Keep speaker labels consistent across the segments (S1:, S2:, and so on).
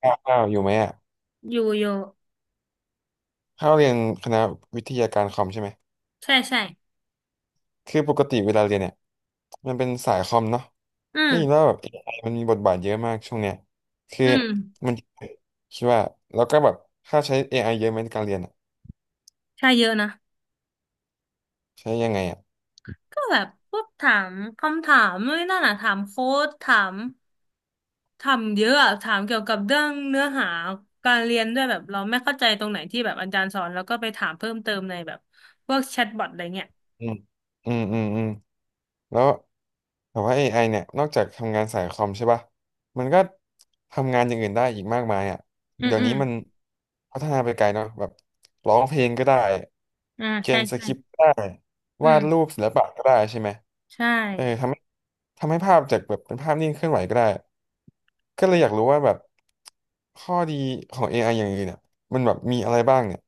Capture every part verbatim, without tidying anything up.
S1: ข้าวข้าวอยู่ไหมอ่ะ
S2: อยู่อยู่
S1: ข้าวเรียนคณะวิทยาการคอมใช่ไหม
S2: ใช่ใช่
S1: คือปกติเวลาเรียนเนี่ยมันเป็นสายคอมเนาะ
S2: อื
S1: ได้ยินว่า
S2: ม
S1: แบบเอไอมันมีบทบาทเยอะมากช่วงเนี้ยคือ
S2: อืม
S1: มันคิดว่าแล้วก็แบบค่าใช้ เอ ไอ เยอะไหมในการเรียนอ่ะ
S2: ใช่เยอะนะ
S1: ใช้ยังไงอ่ะ
S2: ก็แบบพวกถามคำถามนู่นนนั่นอ่ะถามโค้ดถามถามเยอะอะถามเกี่ยวกับเรื่องเนื้อหาการเรียนด้วยแบบเราไม่เข้าใจตรงไหนที่แบบอาจารย์สอนแล้วก็ไปถามเพิ่มเติมในแบบพวกแชทบอทอะไรเงี้ย
S1: อืมอืมอืมอืม แล้วแต่ว่า เอ ไอ เนี่ยนอกจากทำงานสายคอมใช่ป่ะมันก็ทำงานอย่างอื่นได้อีกมากมายอ่ะ
S2: อืม
S1: เดี๋ยว
S2: อื
S1: นี้
S2: ม
S1: มันพัฒนาไปไกลเนาะแบบร้องเพลงก็ได้
S2: อ่า
S1: เขี
S2: ใช่
S1: ยนส
S2: ใช่
S1: คริปต์ก็ได้
S2: อื
S1: วาดรู
S2: ม
S1: ปศิลปะก็ได้ใช่ไหม
S2: ใช่
S1: เออทำให้ทำให้ภาพจากแบบเป็นภาพนิ่งเคลื่อนไหวก็ได้ก็เลยอยากรู้ว่าแบบข้อดีของ เอ ไอ อไออย่างอื่นเนี่ยมันแบบมีอะไรบ้างเนี่ย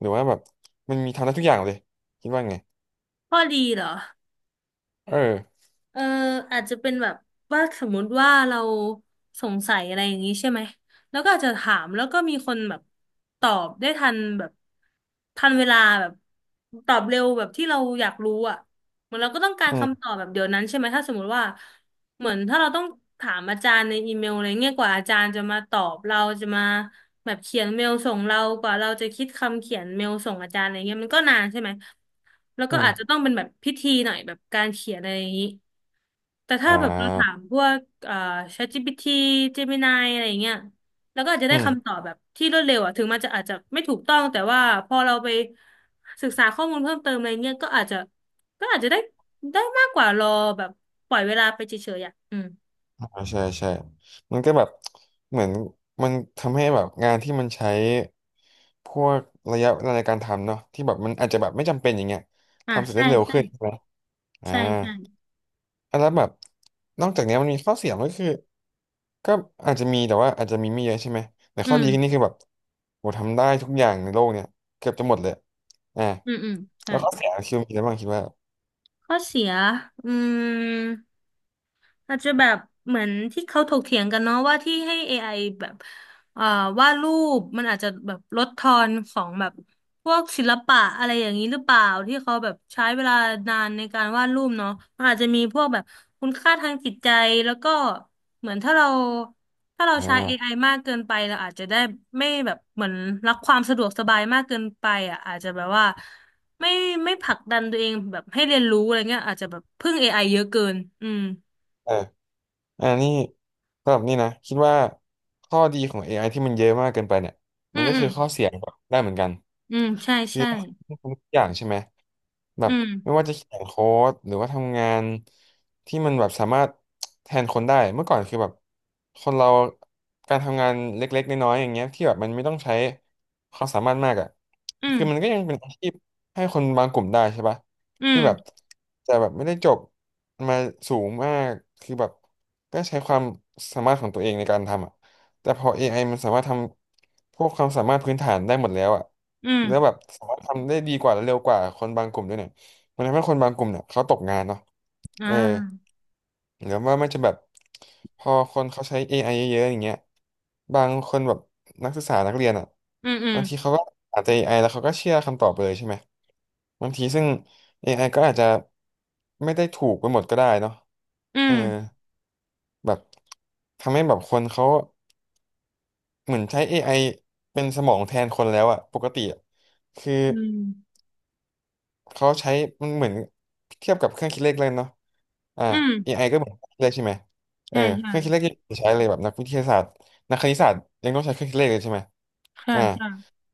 S1: หรือว่าแบบมันมีทำได้ทุกอย่างเลยคิดว่าไง
S2: ข้อดีเหรอ
S1: เออ
S2: เอออาจจะเป็นแบบว่าสมมุติว่าเราสงสัยอะไรอย่างนี้ใช่ไหมแล้วก็อาจจะถามแล้วก็มีคนแบบตอบได้ทันแบบทันเวลาแบบตอบเร็วแบบที่เราอยากรู้อ่ะเหมือนเราก็ต้องการ
S1: อื
S2: คำต
S1: ม
S2: อบแบบเดี๋ยวนั้นใช่ไหมถ้าสมมุติว่าเหมือนถ้าเราต้องถามอาจารย์ในอีเมลอะไรเงี้ยกว่าอาจารย์จะมาตอบเราจะมาแบบเขียนเมลส่งเรากว่าเราจะคิดคำเขียนเมลส่งอาจารย์อะไรเงี้ยมันก็นานใช่ไหมแล้ว
S1: อื
S2: ก็อาจจะ
S1: ม
S2: ต้องเป็นแบบพิธีหน่อยแบบการเขียนอะไรอย่างนี้ แต่ถ้า
S1: อ่
S2: แบบเราถาม
S1: า
S2: พวกเอ่อ ChatGPT Gemini อะไรอย่างเงี้ยแล้วก็อาจจะ
S1: อื
S2: ได้
S1: ม
S2: คำตอบแบบที่รวดเร็วอ่ะถึงมันจะอาจจะไม่ถูกต้องแต่ว่าพอเราไปศึกษาข้อมูลเพิ่มเติมอะไรเงี้ยก็อาจจะก็อาจจะได้ได้มากกว่ารอแบบปล่อยเวลาไปเฉยๆอ่ะอืม
S1: อ่าใช่ใช่มันก็แบบเหมือนมันทำให้แบบงานที่มันใช้พวกระยะเวลาในการทำเนาะที่แบบมันอาจจะแบบไม่จำเป็นอย่างเงี้ย
S2: อ่า
S1: ทำเสร็จได้
S2: ใช่
S1: เร็ว
S2: ใช่
S1: ขึ้นใช่ไหมอ่า
S2: ใช่ใช่
S1: อ่ะแล้วแบบนอกจากเนี้ยมันมีข้อเสียมันก็คือก็อาจจะมีแต่ว่าอาจจะมีไม่เยอะใช่ไหมแต่
S2: อื
S1: ข้อ
S2: ม
S1: ดีนี่คือแบบโหทำได้ทุกอย่างในโลกเนี่ยเกือบจะหมดเลยอ่า
S2: อืมอืมใช่
S1: แล้วข้อเสียคือมีอะไรบ้างคิดว่า
S2: ข้อเสียอืม อาจจะแบบเหมือนที่เขาถกเถียงกันเนาะว่าที่ให้ เอ ไอ แบบเอ่อวาดรูปมันอาจจะแบบลดทอนของแบบพวกศิลปะอะไรอย่างนี้หรือเปล่าที่เขาแบบใช้เวลานานในการวาดรูปเนาะมันอาจจะมีพวกแบบคุณค่าทางจิตใจแล้วก็เหมือนถ้าเราถ้าเรา
S1: อ่
S2: ใช้ เอ ไอ มากเกินไปเราอาจจะได้ไม่แบบเหมือนรักความสะดวกสบายมากเกินไปอ่ะอาจจะแบบว่าไม่ไม่ผลักดันตัวเองแบบให้เรียนรู้อะไรเงี้ยอาจจะแบบพึ่ง เอ ไอ เยอะเกินอืม
S1: า อันนี้สำหรับนี่นะคิดว่าข้อดีของ เอ ไอ ที่มันเยอะมากเกินไปเนี่ย
S2: อื
S1: มัน
S2: ม
S1: ก็
S2: อื
S1: คื
S2: ม
S1: อข้อเสียก็ได้เหมือนกัน
S2: อืมใช่
S1: คือ
S2: ใช่
S1: ต้องทำทุกอย่างใช่ไหม แบ
S2: อื
S1: บ
S2: ม
S1: ไม่ว่าจะเขียนโค้ดหรือว่าทำงานที่มันแบบสามารถแทนคนได้เมื่อก่อนคือแบบคนเราการทำงานเล็กๆน้อยๆอย่างเงี้ยที่แบบมันไม่ต้องใช้ความสามารถมากอ่ะ
S2: อืม
S1: คือมันก็ยังเป็นอาชีพให้คนบางกลุ่มได้ใช่ปะ
S2: อืม
S1: ที่แบบแต่แบบไม่ได้จบมาสูงมากคือแบบก็ใช้ความสามารถของตัวเองในการทำอ่ะ แต่พอ เอ ไอ มันสามารถทำพวกความสามารถพื้นฐานได้หมดแล้วอะ
S2: อืม
S1: แล้วแบบสามารถทำได้ดีกว่าและเร็วกว่าคนบางกลุ่มด้วยเนี่ยมันทำให้คนบางกลุ่มเนี่ยเขาตกงานเนาะ
S2: อ่า
S1: เออหรือว่ามันจะแบบพอคนเขาใช้ เอ ไอ เยอะๆอย่างเงี้ยบางคนแบบนักศึกษานักเรียนอะ
S2: อืมอืม
S1: บางทีเขาก็อาจจะเอไอแล้วเขาก็เชื่อคำตอบไปเลยใช่ไหมบางทีซึ่งเอไอก็อาจจะไม่ได้ถูกไปหมดก็ได้เนาะ
S2: อื
S1: เออ
S2: ม
S1: แบบทำให้แบบคนเขา เหมือนใช้ เอ ไอ เป็นสมองแทนคนแล้วอะปกติอะคือ
S2: อืม
S1: เขาใช้มันเหมือนเทียบกับเครื่องคิดเลขเลยเนาะอ่า
S2: อืม
S1: เอ ไอ ก็เหมือนเครื่องคิดเลขใช่ไหมเออ
S2: ใช่ใช่
S1: เครื่องคิดเลขยังใช้เลยแบบนักวิทยาศาสตร์นักคณิตศาสตร์ยังต้องใช้เครื่องคิดเลขเลยใช่ไหม
S2: ใช่
S1: อ่า
S2: ใช่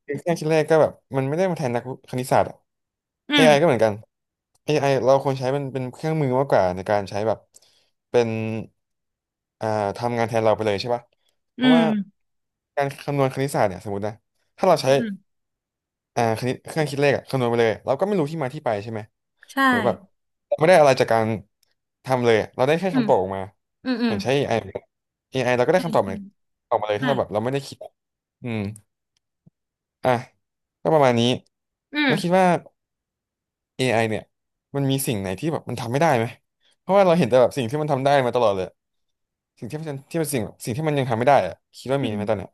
S1: คือเครื่องคิดเลขก็แบบมันไม่ได้มาแทนนักคณิตศาสตร์อะ
S2: อื
S1: เอ
S2: ม
S1: AI ก็เหมือนกัน เอ ไอ เราควรใช้เป็นเป็นเครื่องมือมากกว่าในการใช้แบบเป็นอ่าทำงานแทนเราไปเลยใช่ป่ะเพ
S2: อื
S1: ราะ
S2: ม
S1: ว่าการคำนวณคณิตศาสตร์เนี่ยสมมตินะถ้าเรา
S2: อื
S1: ใช้
S2: ม
S1: อ่าคณิตเครื่องคิดเลขอะคำนวณไปเลยเราก็ไม่รู้ที่มาที่ไปใช่ไหม
S2: ใช่
S1: หรือแบบเราไม่ได้อะไรจากการทำเลยอะเราได้แค่
S2: อืม
S1: คำตอบออกมา
S2: อืมอื
S1: เห
S2: ม
S1: มือนใช้ a เอไอเอไอ เอ ไอ เราก็ได้
S2: ใช่
S1: คำตอบเห
S2: ใช่
S1: มือนออกมาเลยถ้า
S2: ใช่
S1: เราแบบเราไม่ได้คิดอืมอ่ะก็ประมาณนี้
S2: อื
S1: แล้วคิด
S2: ม
S1: ว่า เอ ไอ เนี่ยมันมีสิ่งไหนที่แบบมันทำไม่ได้ไหมเพราะว่าเราเห็นแต่แบบสิ่งที่มันทำได้มาตลอดเลยสิ่งที่มันที่มันสิ่งสิ่งที่มันยังทำไม่ได้อะคิดว่า
S2: อื
S1: มีไหมตอนเนี้ย
S2: ม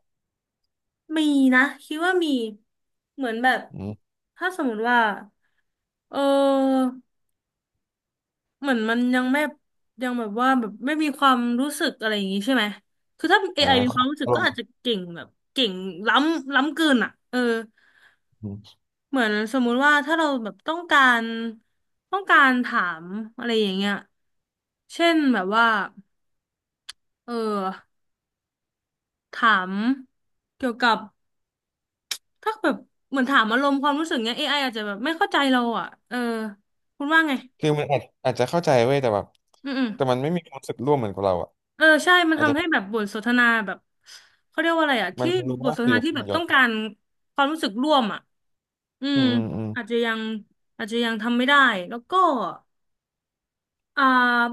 S2: มีนะคิดว่ามีเหมือนแบบ
S1: อืม
S2: ถ้าสมมติว่าเออ เหมือนมันยังไม่ยังแบบว่าแบบไม่มีความรู้สึกอะไรอย่างงี้ใช่ไหมคือถ้า
S1: อ่า
S2: เอ ไอ มี
S1: ค
S2: ค
S1: รั
S2: วาม
S1: บ
S2: รู้สึก
S1: อาร
S2: ก็
S1: มณ์
S2: อาจจะเก่งแบบเก่งล้ำล้ำเกินอ่ะเออ
S1: อืม
S2: เหมือนสมมุติว่าถ้าเราแบบต้องการต้องการถามอะไรอย่างเงี้ยเช่นแบบว่าเออถามเกี่ยวกับถ้าแบบเหมือนถามอารมณ์ความรู้สึกเงี้ย เอ ไอ อไออาจจะแบบไม่เข้าใจเราอ่ะเออคุณว่าไง
S1: คือมันอาจอาจจะเข้าใจเว้ยแต่แบบ
S2: อืมอืม
S1: แต่มันไม่มีความรู้สึกร่วมเหมือนกับเราอ่ะ
S2: เออใช่มัน
S1: อาจจะ
S2: ทำให้แบบบทสนทนาแบบเขาเรียกว่าอะไรอ่ะ
S1: มั
S2: ที่
S1: นรู้
S2: บท
S1: ว่า
S2: สนท
S1: คือ
S2: นาที่แบ
S1: มัน
S2: บ
S1: ย้อ
S2: ต้อ
S1: น
S2: งการความรู้สึกร่วมอ่ะอื
S1: อื
S2: ม
S1: มอืมอืม
S2: อาจจะยังอาจจะยังทำไม่ได้แล้วก็อ่า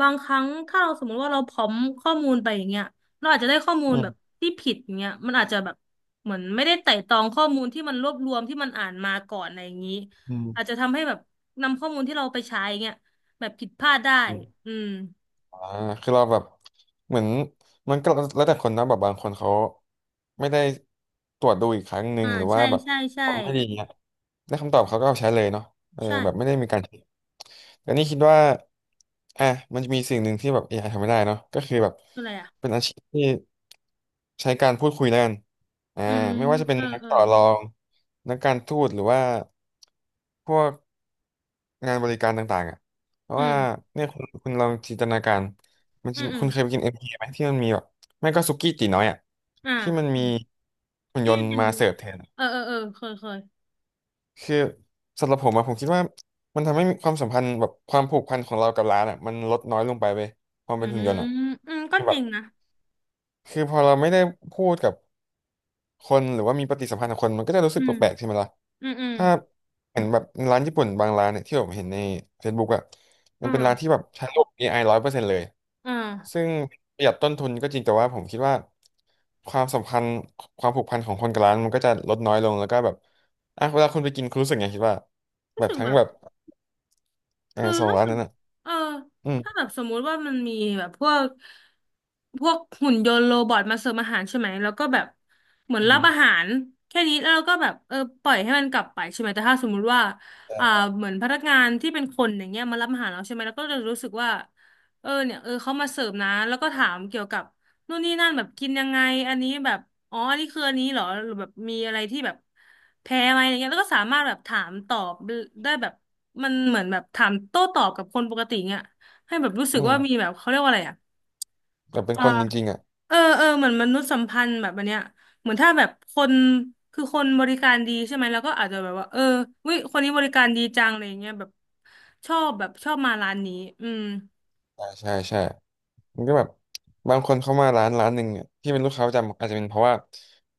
S2: บางครั้งถ้าเราสมมติว่าเราพร้อมข้อมูลไปอย่างเงี้ยเราอาจจะได้ข้อมูล
S1: อื
S2: แบบ
S1: ม
S2: ที่ผิดอย่างเงี้ยมันอาจจะแบบเหมือนไม่ได้ไต่ตรองข้อมูลที่มันรวบรวมที่มันอ่านมาก่อนอะไรอย่างนี้
S1: อืม
S2: อาจจะทำให้แบบนำข้อมูลที่เราไปใช้เงี้ยแบบผิดพลาดได้
S1: อืม
S2: อืม
S1: อ่าคือเราแบบเหมือนมันก็แล้วแต่คนนะแบบบางคนเขาไม่ได้ตรวจดูอีกครั้งหนึ่
S2: อ่า
S1: งหรือว่า
S2: ใช่
S1: แบบ
S2: ใช่ใช่
S1: ฟังไม่ดี ได้คำตอบเขาก็เอาใช้เลยเนาะเออ
S2: ใช่
S1: แบบไม่ได้มีการคิดแต่นี่คิดว่าอ่ะมันจะมีสิ่งหนึ่งที่แบบ a อไอทำไม่ได้เนาะก็คือแบบ
S2: อะไรอ่ะ
S1: เป็นอาชีพที่ใช้การพูดคุยแล้วกันอ่า
S2: อืม
S1: ไม่ว่าจะเป็น
S2: เออ
S1: นัก
S2: เออ
S1: ต่อรองนักการทูตหรือว่าพวกงานบริการต่างๆอ่ะเพราะ
S2: อืม
S1: ว่าเนี่ยคุณคุณลองจินตนาการมัน
S2: อื
S1: จะ
S2: มอืม
S1: คุณเคยไปกินเอ็มพีไหมที่มันมีแบบไม่ก็สุกี้ตีน้อยอ่ะ
S2: อ่า
S1: ที่มัน
S2: อื
S1: มี
S2: ม
S1: หุ่นย
S2: ที่
S1: นต์
S2: เป็น
S1: มาเสิร์ฟแทน
S2: เออเออเออเคยเคย
S1: คือสำหรับผมอะผมคิดว่ามันทำให้ความสัมพันธ์แบบความผูกพันของเรากับร้านอะมันลดน้อยลงไปเว้ยความ
S2: อื
S1: เป็นหุ่นยนต์อะ
S2: มอืมก็
S1: คือ
S2: จ
S1: แบบ
S2: ริงนะ
S1: คือพอเราไม่ได้พูดกับคนหรือว่ามีปฏิสัมพันธ์กับคนมันก็จะรู้สึ
S2: อื
S1: ก
S2: ม
S1: แปลกๆใช่ไหมล่ะ
S2: อืมอืม
S1: ถ้าเห็นแบบร้านญี่ปุ่นบางร้านเนี่ยที่ผมเห็นใน Facebook อะมั
S2: อ่า
S1: นเป็นร้านที่แบบใช้ระบบ เอ ไอ ร้อยเปอร์เซ็นต์เลย
S2: อ่า
S1: ซึ่งประหยัดต้นทุนก็จริงแต่ว่าผมคิดว่าความสัมพันธ์ความผูกพันของคนกับร้านมันก็จะลดน้อยลงแล้วก็แบบอ่ะเวลาคุณไปกินคุณรู้สึกไงคิดว่าแบ
S2: รู้
S1: บ
S2: สึก
S1: ทั้ง
S2: แบบ
S1: แบบ เออ
S2: คือ
S1: สอง
S2: ถ้า
S1: ร้าน
S2: เกิ
S1: นั้นอ่ะ
S2: เออ
S1: อืม
S2: ถ้าแบบสมมุติว่ามันมีแบบพวกพวกหุ่นยนต์โรบอทมาเสิร์ฟอาหารใช่ไหมแล้วก็แบบเหมือน
S1: อื
S2: รับอา
S1: ม
S2: หารแค่นี้แล้วเราก็แบบเออปล่อยให้มันกลับไปใช่ไหมแต่ถ้าสมมุติว่า
S1: แต่
S2: อ่าเหมือนพนักงานที่เป็นคนอย่างเงี้ยมารับอาหารเราใช่ไหมแล้วก็จะรู้สึกว่าเออเนี่ยเออเขามาเสิร์ฟนะแล้วก็ถามเกี่ยวกับ นู่นนี่นั่นแบบกินยังไงอันนี้แบบอ๋ออันนี้คืออันนี้เหรอหรือแบบมีอะไรที่แบบแพ้ไหมอะไรเงี้ยแล้วก็สามารถแบบถามตอบได้แบบมันเหมือนแบบถามโต้ตอบกับคนปกติเงี้ยให้แบบรู้สึก
S1: อืม
S2: ว่ามีแบบเขาเรียกว่าอะไรอ่ะ
S1: แต่เป็น
S2: เออ
S1: คนจริงๆอ่ะ
S2: เออเออเหมือนมนุษยสัมพันธ์แบบอันเนี้ยเหมือนถ้าแบบคนคือคนบริการดีใช่ไหมแล้วก็อาจจะแบบว่าเออวิคนนี้บริการดีจังอะไรเงี้ยแบบชอบแบบชอบมาร้านนี้อืม
S1: ใช่าใช่ใช่มันก็แบบบางคนเข้ามาร้านร้านหนึ่งเนี่ยที่เป็นลูกค้าประจำอาจจะเป็นเพราะว่า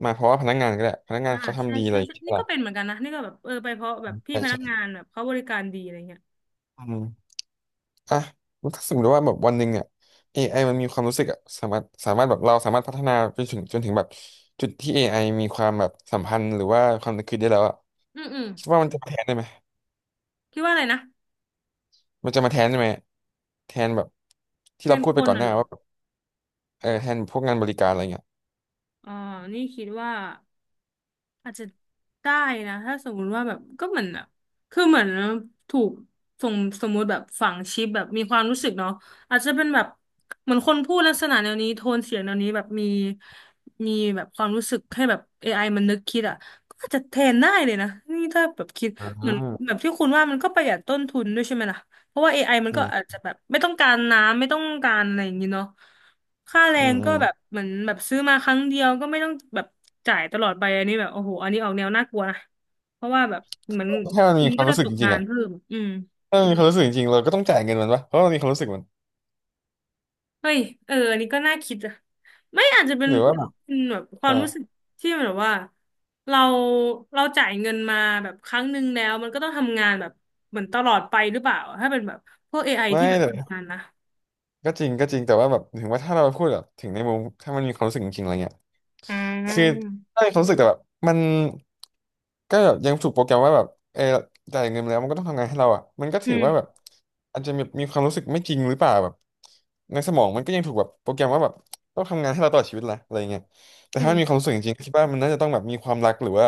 S1: มาเพราะว่าพนักงานก็ได้พนักงา
S2: อ่า
S1: นเขา
S2: ใช่
S1: ทำดีอะ
S2: ใช่
S1: ไรอย่าง
S2: ใช่
S1: เงี้ยใช่
S2: นี่
S1: ปะ
S2: ก็เป็นเห
S1: ล่ะ
S2: มือนกันนะนี่ก็แบบเออไปเพราะแบบพี่
S1: ใช่
S2: พนักงา
S1: ใช่
S2: นแบบเขาบริการดีอะไรเงี้ย
S1: อืมอ่ะแล้วถ้าสมมติว่าแบบวันหนึ่งเนี่ย a อไอมันมีความรู้สึกอ่ะสามารถสามารถแบบเราสามารถพัฒนาไปถึงจนถึงแบบจุดที่ a อไอมีความแบบสัมพันธ์หรือว่าความนึกคิดได้แล้วอ่ะ
S2: อืมอืม
S1: คิดว่ามันจะมาแทนได้ไหม
S2: คิดว่าอะไรนะ
S1: มันจะมาแทนได้ไหมแทนแบบ
S2: แท
S1: ที่เรา
S2: น
S1: พูด
S2: ค
S1: ไป
S2: น
S1: ก่อนห
S2: น่ะ
S1: น้า
S2: เหรอ
S1: ว่าแบบเออแทนพวกงานบริการอะไรเงี้ย
S2: อ๋อนี่คิดว่า อาจจะได้นะถ้าสมมุติว่าแบบก็เหมือนแบบคือเหมือนถูกสมสมมุติแบบฝังชิปแบบมีความรู้สึกเนาะอาจจะเป็นแบบเหมือนคนพูดลักษณะแนวนี้โทนเสียงแนวนี้แบบมีมีแบบความรู้สึกให้แบบ เอ ไอ มันนึกคิดอ่ะก็อาจจะแทนได้เลยนะนี่ถ้าแบบคิด
S1: อื
S2: เหมือน
S1: ม
S2: แบบที่คุณว่ามันก็ประหยัดต้นทุนด้วยใช่ไหมล่ะ เพราะว่า เอ ไอ มัน
S1: อื
S2: ก็
S1: ม
S2: อาจจะแบบไม่ต้องการน้ำไม่ต้องการอะไรอย่างนี้เนาะค่าแร
S1: อื
S2: ง
S1: มอื
S2: ก็
S1: ม
S2: แบบเหมือนแบบซื้อมาครั้งเดียวก็ไม่ต้องแบบจ่ายตลอดไปอันนี้แบบโอ้โหอันนี้ออกแนวน่ากลัวนะเพราะว่าแบบเหมือน
S1: ถ้ามัน
S2: คุ
S1: มี
S2: ณ
S1: ควา
S2: ก็
S1: ม
S2: จะ
S1: รู้สึ
S2: ต
S1: ก
S2: ก
S1: จริ
S2: งา
S1: งๆ
S2: น
S1: อ่ะ
S2: เพิ่มอืม
S1: ถ้ามันมีความรู้สึกจริงๆเราก็ต้องจ่ายเงินมันปะเพราะมันมีความรู้สึกมัน
S2: เฮ้ยเอออันนี้ก็น่าคิดอะไม่อาจจะเป็น
S1: หรือว่าแบบ
S2: เป็นแบบควา
S1: อ่า
S2: มรู้สึกที่แบบว่าเราเราจ่ายเงินมาแบบครั้งหนึ่งแล้วมันก็ต้องทำงานแบบเหมือนตลอดไปหรือเปล่าถ้าเป็นแบบพวกเอไ i
S1: ไม่
S2: ที่แบบ
S1: แต่
S2: ทำงานนะ
S1: ก็จริงก็จริงแต่ว่าแบบถึงว่าถ้าเราพูดแบบถึงในมุมถ้ามันมีความรู้สึกจริงๆอะไรเงี้ย
S2: อื
S1: คือ
S2: ม
S1: ถ้ามีความรู้สึกแต่แบบมันก็แบบยังถูกโปรแกรมว่าแบบเออจ่ายเงินมาแล้วมันก็ต้องทำงานให้เราอ่ะมันก็
S2: อื
S1: ถือว่าแบบ
S2: ม
S1: อาจจะมีมีความรู้สึกไม่จริงหรือเปล่าแบบในสมองมันก็ยังถูกแบบโปรแกรมว่าแบบต้องทำงานให้เราตลอดชีวิตละอะไรเงี้ยแต่ถ้ามันมีควา
S2: เออ
S1: มรู้สึกจริงๆก็คิดว่ามันน่าจะต้องแบบมีความรักหรือว่า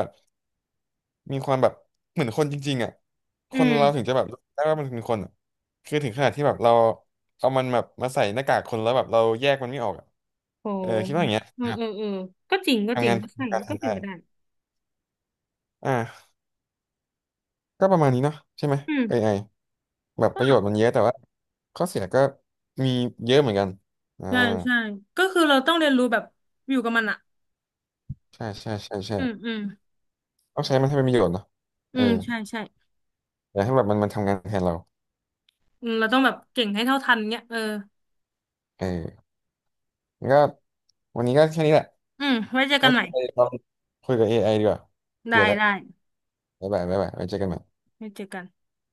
S1: มีความแบบเหมือนคนจริงๆอ่ะค
S2: อื
S1: น
S2: ม
S1: เราถึงจะแบบได้ว่ามันเป็นคนอะคือถึงขนาดที่แบบเราเอามันแบบมาใส่หน้ากากคนแล้วแบบเราแยกมันไม่ออกอะ
S2: โห
S1: เออคิดว่าอย่างเงี้ย
S2: เออ
S1: นะครับ
S2: เออเออก็จริงก็จ
S1: ทำ
S2: ริง
S1: งาน
S2: ก็ใช่
S1: การแท
S2: ก็
S1: น
S2: เป็
S1: ได้
S2: นไปได้
S1: อ่าก็ประมาณนี้เนาะใช่ไหม
S2: อืม
S1: เอ ไอ แบบประโยชน์
S2: ก็
S1: มันเยอะแต่ว่าข้อเสียก็มีเยอะเหมือนกันอ่า
S2: ใช่ใช่ก็คือเราต้องเรียนรู้แบบอยู่กับมันอะ
S1: ใช่ใช่ใช่ใช่
S2: อืมอืม
S1: ต้องใช้มันให้เป็นประโยชน์เนาะ
S2: อื
S1: เออ
S2: มใช่ใช่
S1: อย่าให้แบบมันมันทำงานแทนเรา
S2: อืมเราต้องแบบเก่งให้เท่าทันเนี่ยเออ
S1: เอองั้นก็วันนี้ก็แค่นี้แหละ
S2: อืมไว้เจอกั
S1: ไว้
S2: นใหม่
S1: ไปลองคุยกับ เอ ไอ ดีกว่า
S2: ได้
S1: เบื่อแล้ว
S2: ได้
S1: บ๊ายบายบ๊ายบายไว้เจอกันใหม่
S2: ไว้เจอกัน